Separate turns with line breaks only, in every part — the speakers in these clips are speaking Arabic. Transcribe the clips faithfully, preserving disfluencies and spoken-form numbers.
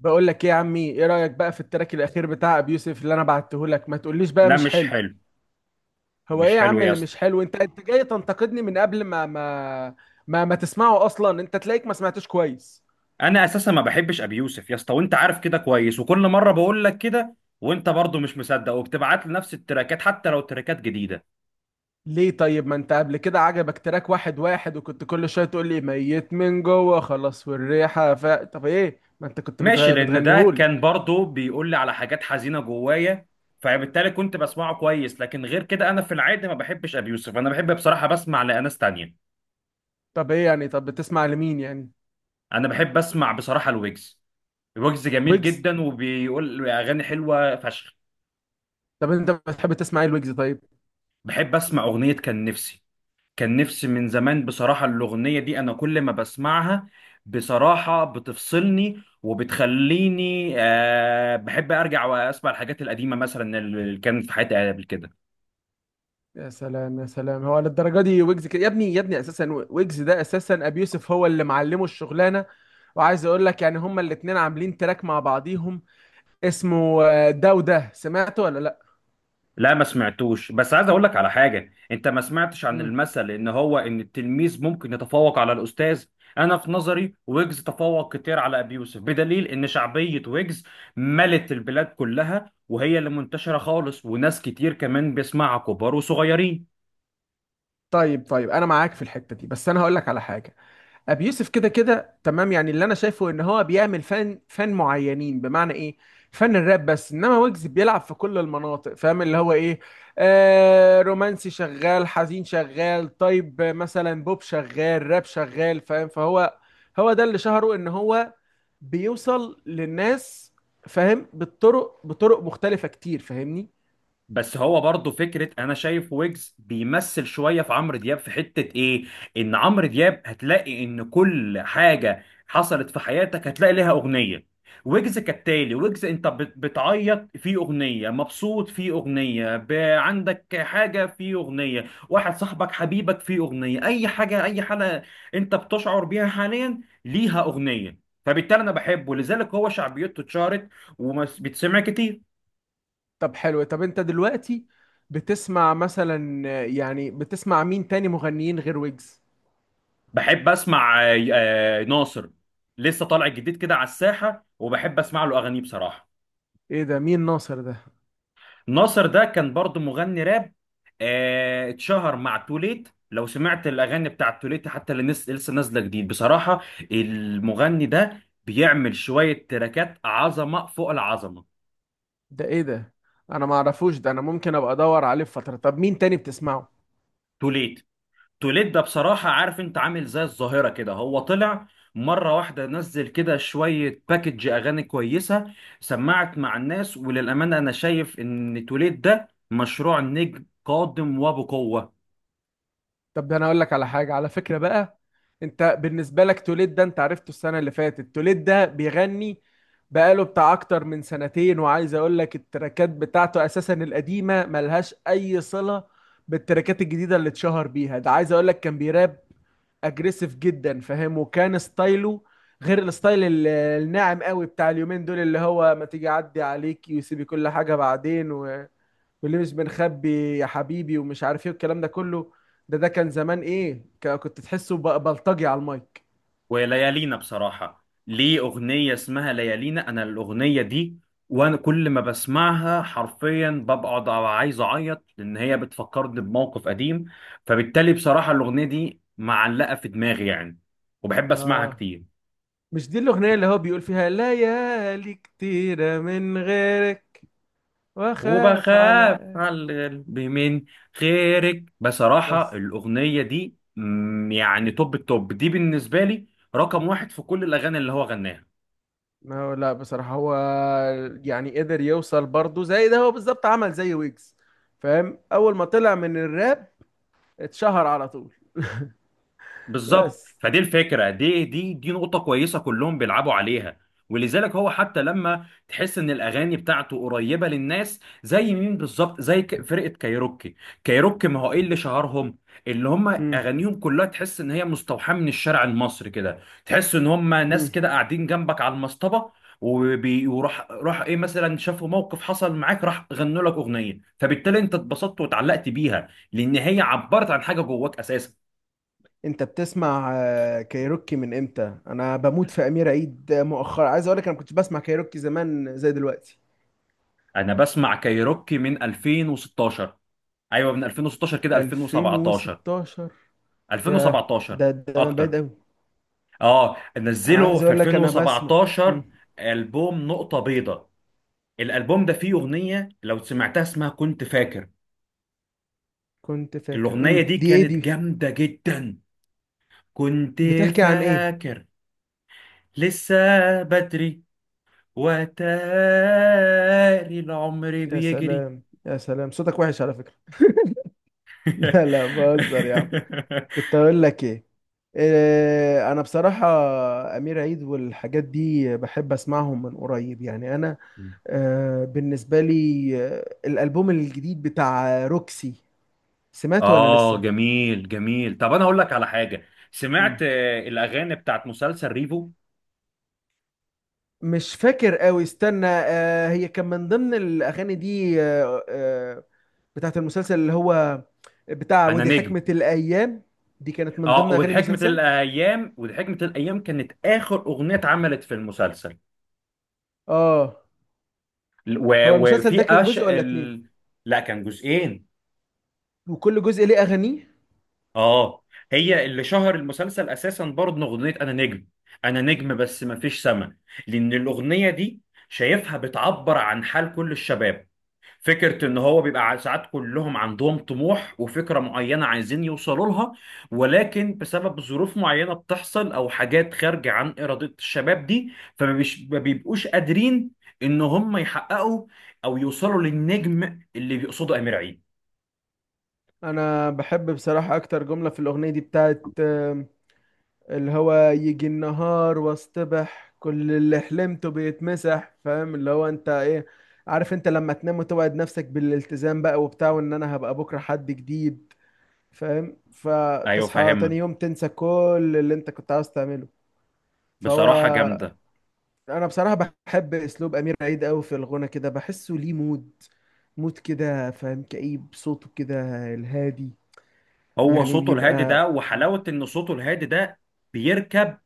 بقول لك ايه يا عمي، ايه رأيك بقى في التراك الاخير بتاع ابي يوسف اللي انا بعته لك؟ ما تقوليش بقى
لا
مش
مش
حلو.
حلو.
هو ايه
مش
يا
حلو
عم
يا
اللي
اسطى.
مش حلو؟ انت انت جاي تنتقدني من قبل ما ما ما, ما تسمعه اصلا، انت تلاقيك ما سمعتوش كويس.
انا اساسا ما بحبش ابي يوسف يا اسطى، وانت عارف كده كويس وكل مره بقول لك كده. وانت برضو مش مصدق وبتبعت لي نفس التراكات حتى لو تراكات جديده.
ليه طيب؟ ما انت قبل كده عجبك تراك واحد واحد، وكنت كل شوية تقول لي ميت من جوه خلاص والريحة، ف طب ايه؟ ما انت كنت
ماشي،
بتغ...
لان ده
بتغنيهولي.
كان برضو بيقول لي على حاجات حزينه جوايا، فبالتالي كنت بسمعه كويس. لكن غير كده انا في العادي ما بحبش ابي يوسف، انا بحب بصراحه بسمع لاناس تانية.
طب ايه يعني؟ طب بتسمع لمين يعني؟
انا بحب اسمع بصراحه الويجز. الويجز جميل
ويجز؟
جدا وبيقول اغاني حلوه فشخ.
طب انت بتحب تسمع ايه الويجز؟ طيب.
بحب اسمع اغنيه كان نفسي. كان نفسي من زمان، بصراحة الأغنية دي أنا كل ما بسمعها بصراحة بتفصلني وبتخليني. آه بحب أرجع وأسمع الحاجات القديمة مثلا اللي كانت في حياتي قبل كده.
يا سلام يا سلام، هو للدرجه دي ويجز كده يا ابني؟ يا ابني اساسا ويجز ده اساسا ابي يوسف هو اللي معلمه الشغلانه. وعايز اقول لك يعني هما الاتنين عاملين تراك مع بعضيهم. اسمه آه، ده، وده سمعته ولا لا؟
لا ما سمعتوش، بس عايز أقول لك على حاجة. أنت ما سمعتش عن
امم.
المثل إن هو إن التلميذ ممكن يتفوق على الأستاذ. أنا في نظري ويجز تفوق كتير على أبي يوسف، بدليل إن شعبية ويجز ملت البلاد كلها وهي اللي منتشرة خالص، وناس كتير كمان بيسمعها كبار وصغيرين.
طيب، طيب، انا معاك في الحته دي، بس انا هقول لك على حاجه. ابي يوسف كده كده تمام، يعني اللي انا شايفه ان هو بيعمل فن فن معينين، بمعنى ايه؟ فن الراب بس، انما ويجز بيلعب في كل المناطق، فاهم اللي هو ايه؟ آه رومانسي شغال، حزين شغال، طيب مثلا بوب شغال، راب شغال، فاهم؟ فهو هو ده اللي شهره، ان هو بيوصل للناس. فاهم؟ بالطرق بطرق مختلفة كتير، فاهمني؟
بس هو برضه فكرة، أنا شايف ويجز بيمثل شوية في عمرو دياب في حتة إيه؟ إن عمرو دياب هتلاقي إن كل حاجة حصلت في حياتك هتلاقي لها أغنية. ويجز كالتالي، ويجز أنت بت- بتعيط في أغنية، مبسوط في أغنية، ب- عندك حاجة في أغنية، واحد صاحبك حبيبك في أغنية، أي حاجة أي حالة أنت بتشعر بيها حاليا ليها أغنية. فبالتالي أنا بحبه، لذلك هو شعبيته اتشهرت وبتسمع كتير.
طب حلو. طب انت دلوقتي بتسمع مثلا، يعني بتسمع مين تاني مغنيين غير ويجز؟
بحب اسمع آه، آه، ناصر. لسه طالع جديد كده على الساحه، وبحب اسمع له اغانيه بصراحه.
ايه ده؟ مين ناصر ده؟
ناصر ده كان برضو مغني راب. آه، اتشهر مع توليت. لو سمعت الاغاني بتاعت توليت حتى اللي نس- لسه نازله جديد بصراحه، المغني ده بيعمل شويه تراكات عظمه فوق العظمه.
ده ايه ده؟ انا ما اعرفوش ده، انا ممكن ابقى ادور عليه في فتره. طب مين تاني بتسمعه؟
توليت. توليد ده بصراحة، عارف انت عامل زي الظاهرة كده. هو طلع مرة واحدة، نزل كده شوية باكج أغاني كويسة، سمعت مع الناس، وللأمانة أنا شايف إن توليد ده مشروع نجم قادم وبقوة.
طب ده انا اقول لك على حاجه على فكره بقى. انت بالنسبه لك توليد ده، انت عرفته السنه اللي فاتت، توليد ده بيغني بقاله بتاع اكتر من سنتين، وعايز اقول لك التراكات بتاعته اساسا القديمه ملهاش اي صله بالتراكات الجديده اللي اتشهر بيها ده، عايز اقول لك كان بيراب اجريسيف جدا، فاهم؟ وكان ستايله غير الستايل ال- الناعم قوي بتاع اليومين دول، اللي هو ما تيجي اعدي عليك ويسيبي كل حاجه بعدين و... واللي مش بنخبي يا حبيبي، ومش عارف ايه والكلام ده كله. ده ده كان زمان ايه، ك- كنت تحسه ب- بلطجي على المايك.
وليالينا، بصراحة ليه أغنية اسمها ليالينا، أنا الأغنية دي وأنا كل ما بسمعها حرفيا ببقى عايز أعيط، لأن هي بتفكرني بموقف قديم. فبالتالي بصراحة الأغنية دي معلقة في دماغي يعني، وبحب أسمعها
اه.
كتير.
مش دي الاغنيه اللي هو بيقول فيها ليالي كتيره من غيرك واخاف على؟
وبخاف على القلب من غيرك. بصراحة
بس
الأغنية دي مم، يعني توب التوب دي بالنسبة لي، رقم واحد في كل الأغاني اللي هو غناها.
ما هو لا، بصراحة هو يعني قدر يوصل برضه زي ده، هو بالظبط عمل زي ويجز، فاهم؟ أول ما طلع من الراب اتشهر على طول.
بالظبط،
بس.
فدي الفكره دي دي دي نقطه كويسه كلهم بيلعبوا عليها. ولذلك هو حتى لما تحس ان الاغاني بتاعته قريبه للناس زي مين، بالظبط زي ك- فرقه كايروكي. كايروكي، ما هو ايه اللي شهرهم؟ اللي هم
مم.
اغانيهم كلها تحس ان هي مستوحاه من الشارع المصري كده، تحس ان هم ناس
مم.
كده قاعدين جنبك على المصطبه. وبي- وراح راح ايه، مثلا شافوا موقف حصل معاك راح غنوا لك اغنيه، فبالتالي انت اتبسطت واتعلقت بيها لان هي عبرت عن حاجه جواك اساسا.
أنت بتسمع آه، كايروكي من إمتى؟ أنا بموت في أمير عيد مؤخرا، عايز أقول لك أنا كنت بسمع كايروكي زمان زي دلوقتي؟
انا بسمع كايروكي من ألفين وستاشر. ايوه، من ألفين وستاشر كده، ألفين وسبعتاشر.
ألفين وستاشر؟ ياه،
ألفين وسبعتاشر،
ده ده من بعيد
اكتر.
أوي.
اه،
أنا
نزلوا
عايز
في
أقول لك أنا بسمع.
ألفين وسبعتاشر.
مم.
البوم نقطة بيضاء، الالبوم ده فيه اغنية لو سمعتها اسمها كنت فاكر.
كنت فاكر.
الاغنية
مم.
دي
دي إيه
كانت
دي؟
جامدة جدا. كنت
بتحكي عن إيه؟
فاكر، لسه بدري، وتاري العمر
يا
بيجري.
سلام يا سلام، صوتك وحش على فكرة. لا، لا، بهزر يا عم. كنت اقول لك ايه؟ إيه، انا بصراحه امير عيد والحاجات دي بحب اسمعهم من قريب يعني، انا آه، بالنسبه لي آه، الالبوم الجديد بتاع روكسي، سمعته ولا
اه
لسه؟
جميل جميل. طب انا اقول لك على حاجه، سمعت
مم.
آه، الاغاني بتاعت مسلسل ريفو؟
مش فاكر قوي، استنى، آه، هي كان من ضمن الاغاني دي، آه، آه، بتاعت المسلسل اللي هو بتاع،
انا
ودي
نجم.
حكمة الايام؟ دي كانت من
اه،
ضمن اغاني
وحكمه
المسلسل.
الايام. وحكمه الايام كانت اخر اغنيه اتعملت في المسلسل.
اه.
و-
هو المسلسل
وفي
ده كان
أش
جزء ولا اتنين؟
ال... لا، كان جزئين.
وكل جزء ليه اغانيه؟
اه. هي اللي شهر المسلسل اساسا برضه، اغنيه انا نجم. انا نجم بس ما فيش سما. لان الاغنيه دي شايفها بتعبر عن حال كل الشباب. فكرة إن هو بيبقى ع- ساعات كلهم عندهم طموح وفكرة معينة عايزين يوصلوا لها، ولكن بسبب ظروف معينة بتحصل أو حاجات خارجة عن إرادة الشباب دي فما بيش- ما بيبقوش قادرين إن هم يحققوا أو يوصلوا للنجم اللي بيقصده أمير عيد.
انا بحب بصراحة اكتر جملة في الاغنية دي بتاعت آم، اللي هو يجي النهار واصطبح كل اللي حلمته بيتمسح، فاهم اللي هو انت ايه؟ عارف انت لما تنام وتوعد نفسك بالالتزام بقى وبتاع، وان انا هبقى بكرة حد جديد، فاهم؟
أيوه
فتصحى
فاهمها،
تاني يوم تنسى كل اللي انت كنت عاوز تعمله. فهو
بصراحة جامدة.
انا بصراحة بحب اسلوب امير عيد قوي في الغنى كده، بحسه ليه مود، مود كده، فاهم؟ كئيب صوته كده، الهادي،
هو
يعني
صوته الهادي ده،
بيبقى.
وحلاوة إن صوته الهادي ده بيركب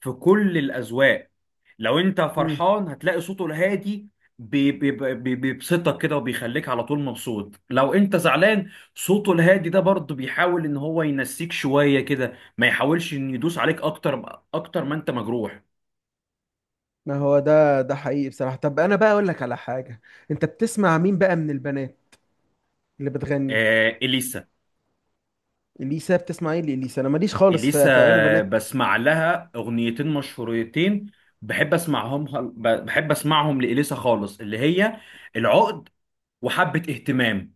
في كل الأذواق. لو أنت
امم.
فرحان هتلاقي صوته الهادي بي- بي- بي- بيبسطك كده وبيخليك على طول مبسوط. لو أنت زعلان صوته الهادي ده برضه بيحاول إن هو ينسيك شوية كده، ما يحاولش إن يدوس عليك أكتر، أكتر ما أنت مجروح.
ما هو ده ده حقيقي بصراحة. طب أنا بقى أقول لك على حاجة، أنت بتسمع مين بقى من البنات اللي بتغني؟
آه إليسا.
إليسا؟ بتسمع إيه لإليسا؟ أنا ماليش خالص في,
إليسا
في أغاني بنات.
بسمع لها أغنيتين مشهورتين، بحب أسمعهم. بحب أسمعهم لإليسا خالص، اللي هي العقد وحبة اهتمام.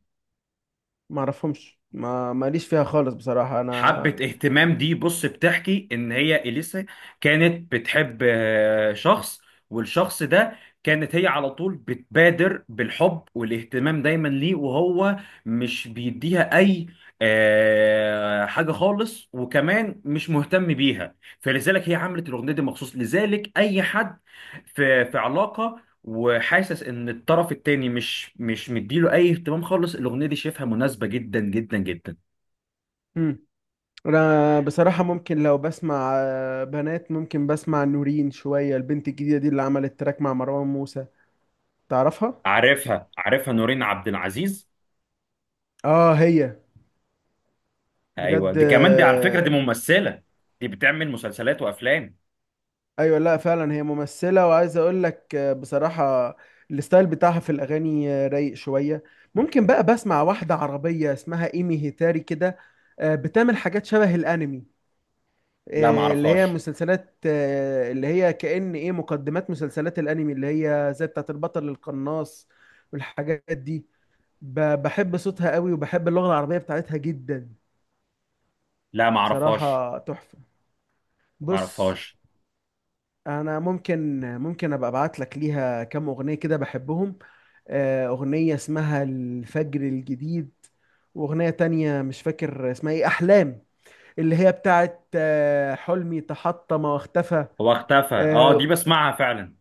ما أعرفهمش، ما ماليش فيها خالص بصراحة
حبة
أنا.
اهتمام دي بص، بتحكي ان هي اليسا كانت بتحب آه، شخص، والشخص ده كانت هي على طول بتبادر بالحب والاهتمام دايما ليه، وهو مش بيديها اي آه، حاجة خالص وكمان مش مهتم بيها. فلذلك هي عملت الاغنية دي مخصوص، لذلك اي حد في في علاقة وحاسس ان الطرف التاني مش مش مديله اي اهتمام خالص، الاغنية دي شايفها مناسبة جدا جدا جدا.
امم. أنا بصراحة ممكن لو بسمع آه، بنات، ممكن بسمع نورين شوية، البنت الجديدة دي اللي عملت تراك مع مروان موسى. تعرفها؟
عارفها عارفها، نورين عبد العزيز.
آه، هي
ايوه،
بجد
دي كمان دي على فكره
آه،
دي ممثله، دي بتعمل مسلسلات وافلام.
ايوه، لا فعلا هي ممثله، وعايز اقول لك آه، بصراحه الستايل بتاعها في الاغاني آه، رايق شويه. ممكن بقى بسمع واحده عربيه اسمها ايمي هيتاري كده، آه، بتعمل حاجات شبه الانمي،
لا ما
آه، اللي هي
اعرفهاش.
مسلسلات، آه، اللي هي كأن ايه، مقدمات مسلسلات الانمي اللي هي زي بتاعت البطل القناص والحاجات دي. ب- بحب صوتها قوي، وبحب اللغه العربيه بتاعتها جدا،
لا ما اعرفهاش.
بصراحه تحفه.
ما
بص،
اعرفهاش.
انا ممكن ممكن ابقى ابعت لك ليها كام اغنيه كده بحبهم. آه، اغنيه اسمها الفجر الجديد، واغنيه تانية مش فاكر اسمها ايه، احلام، اللي هي بتاعت آه، حلمي تحطم واختفى.
هو اختفى، اه
آه،
دي بسمعها فعلا.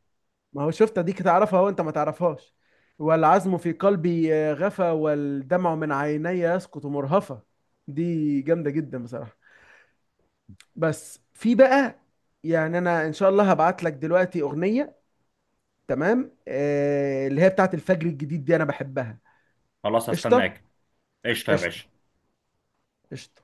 ما هو شفت؟ دي تعرفها وانت ما تعرفهاش. والعزم في قلبي آه، غفى، والدمع من عيني يسقط مرهفة، دي جامدة جدا بصراحة. بس في بقى، يعني انا ان شاء الله هبعت لك دلوقتي اغنية، تمام، آه اللي هي بتاعت الفجر الجديد دي انا بحبها.
خلاص
قشطه.
هستناك. قشطه يا
قشطه
باشا.
قشطه.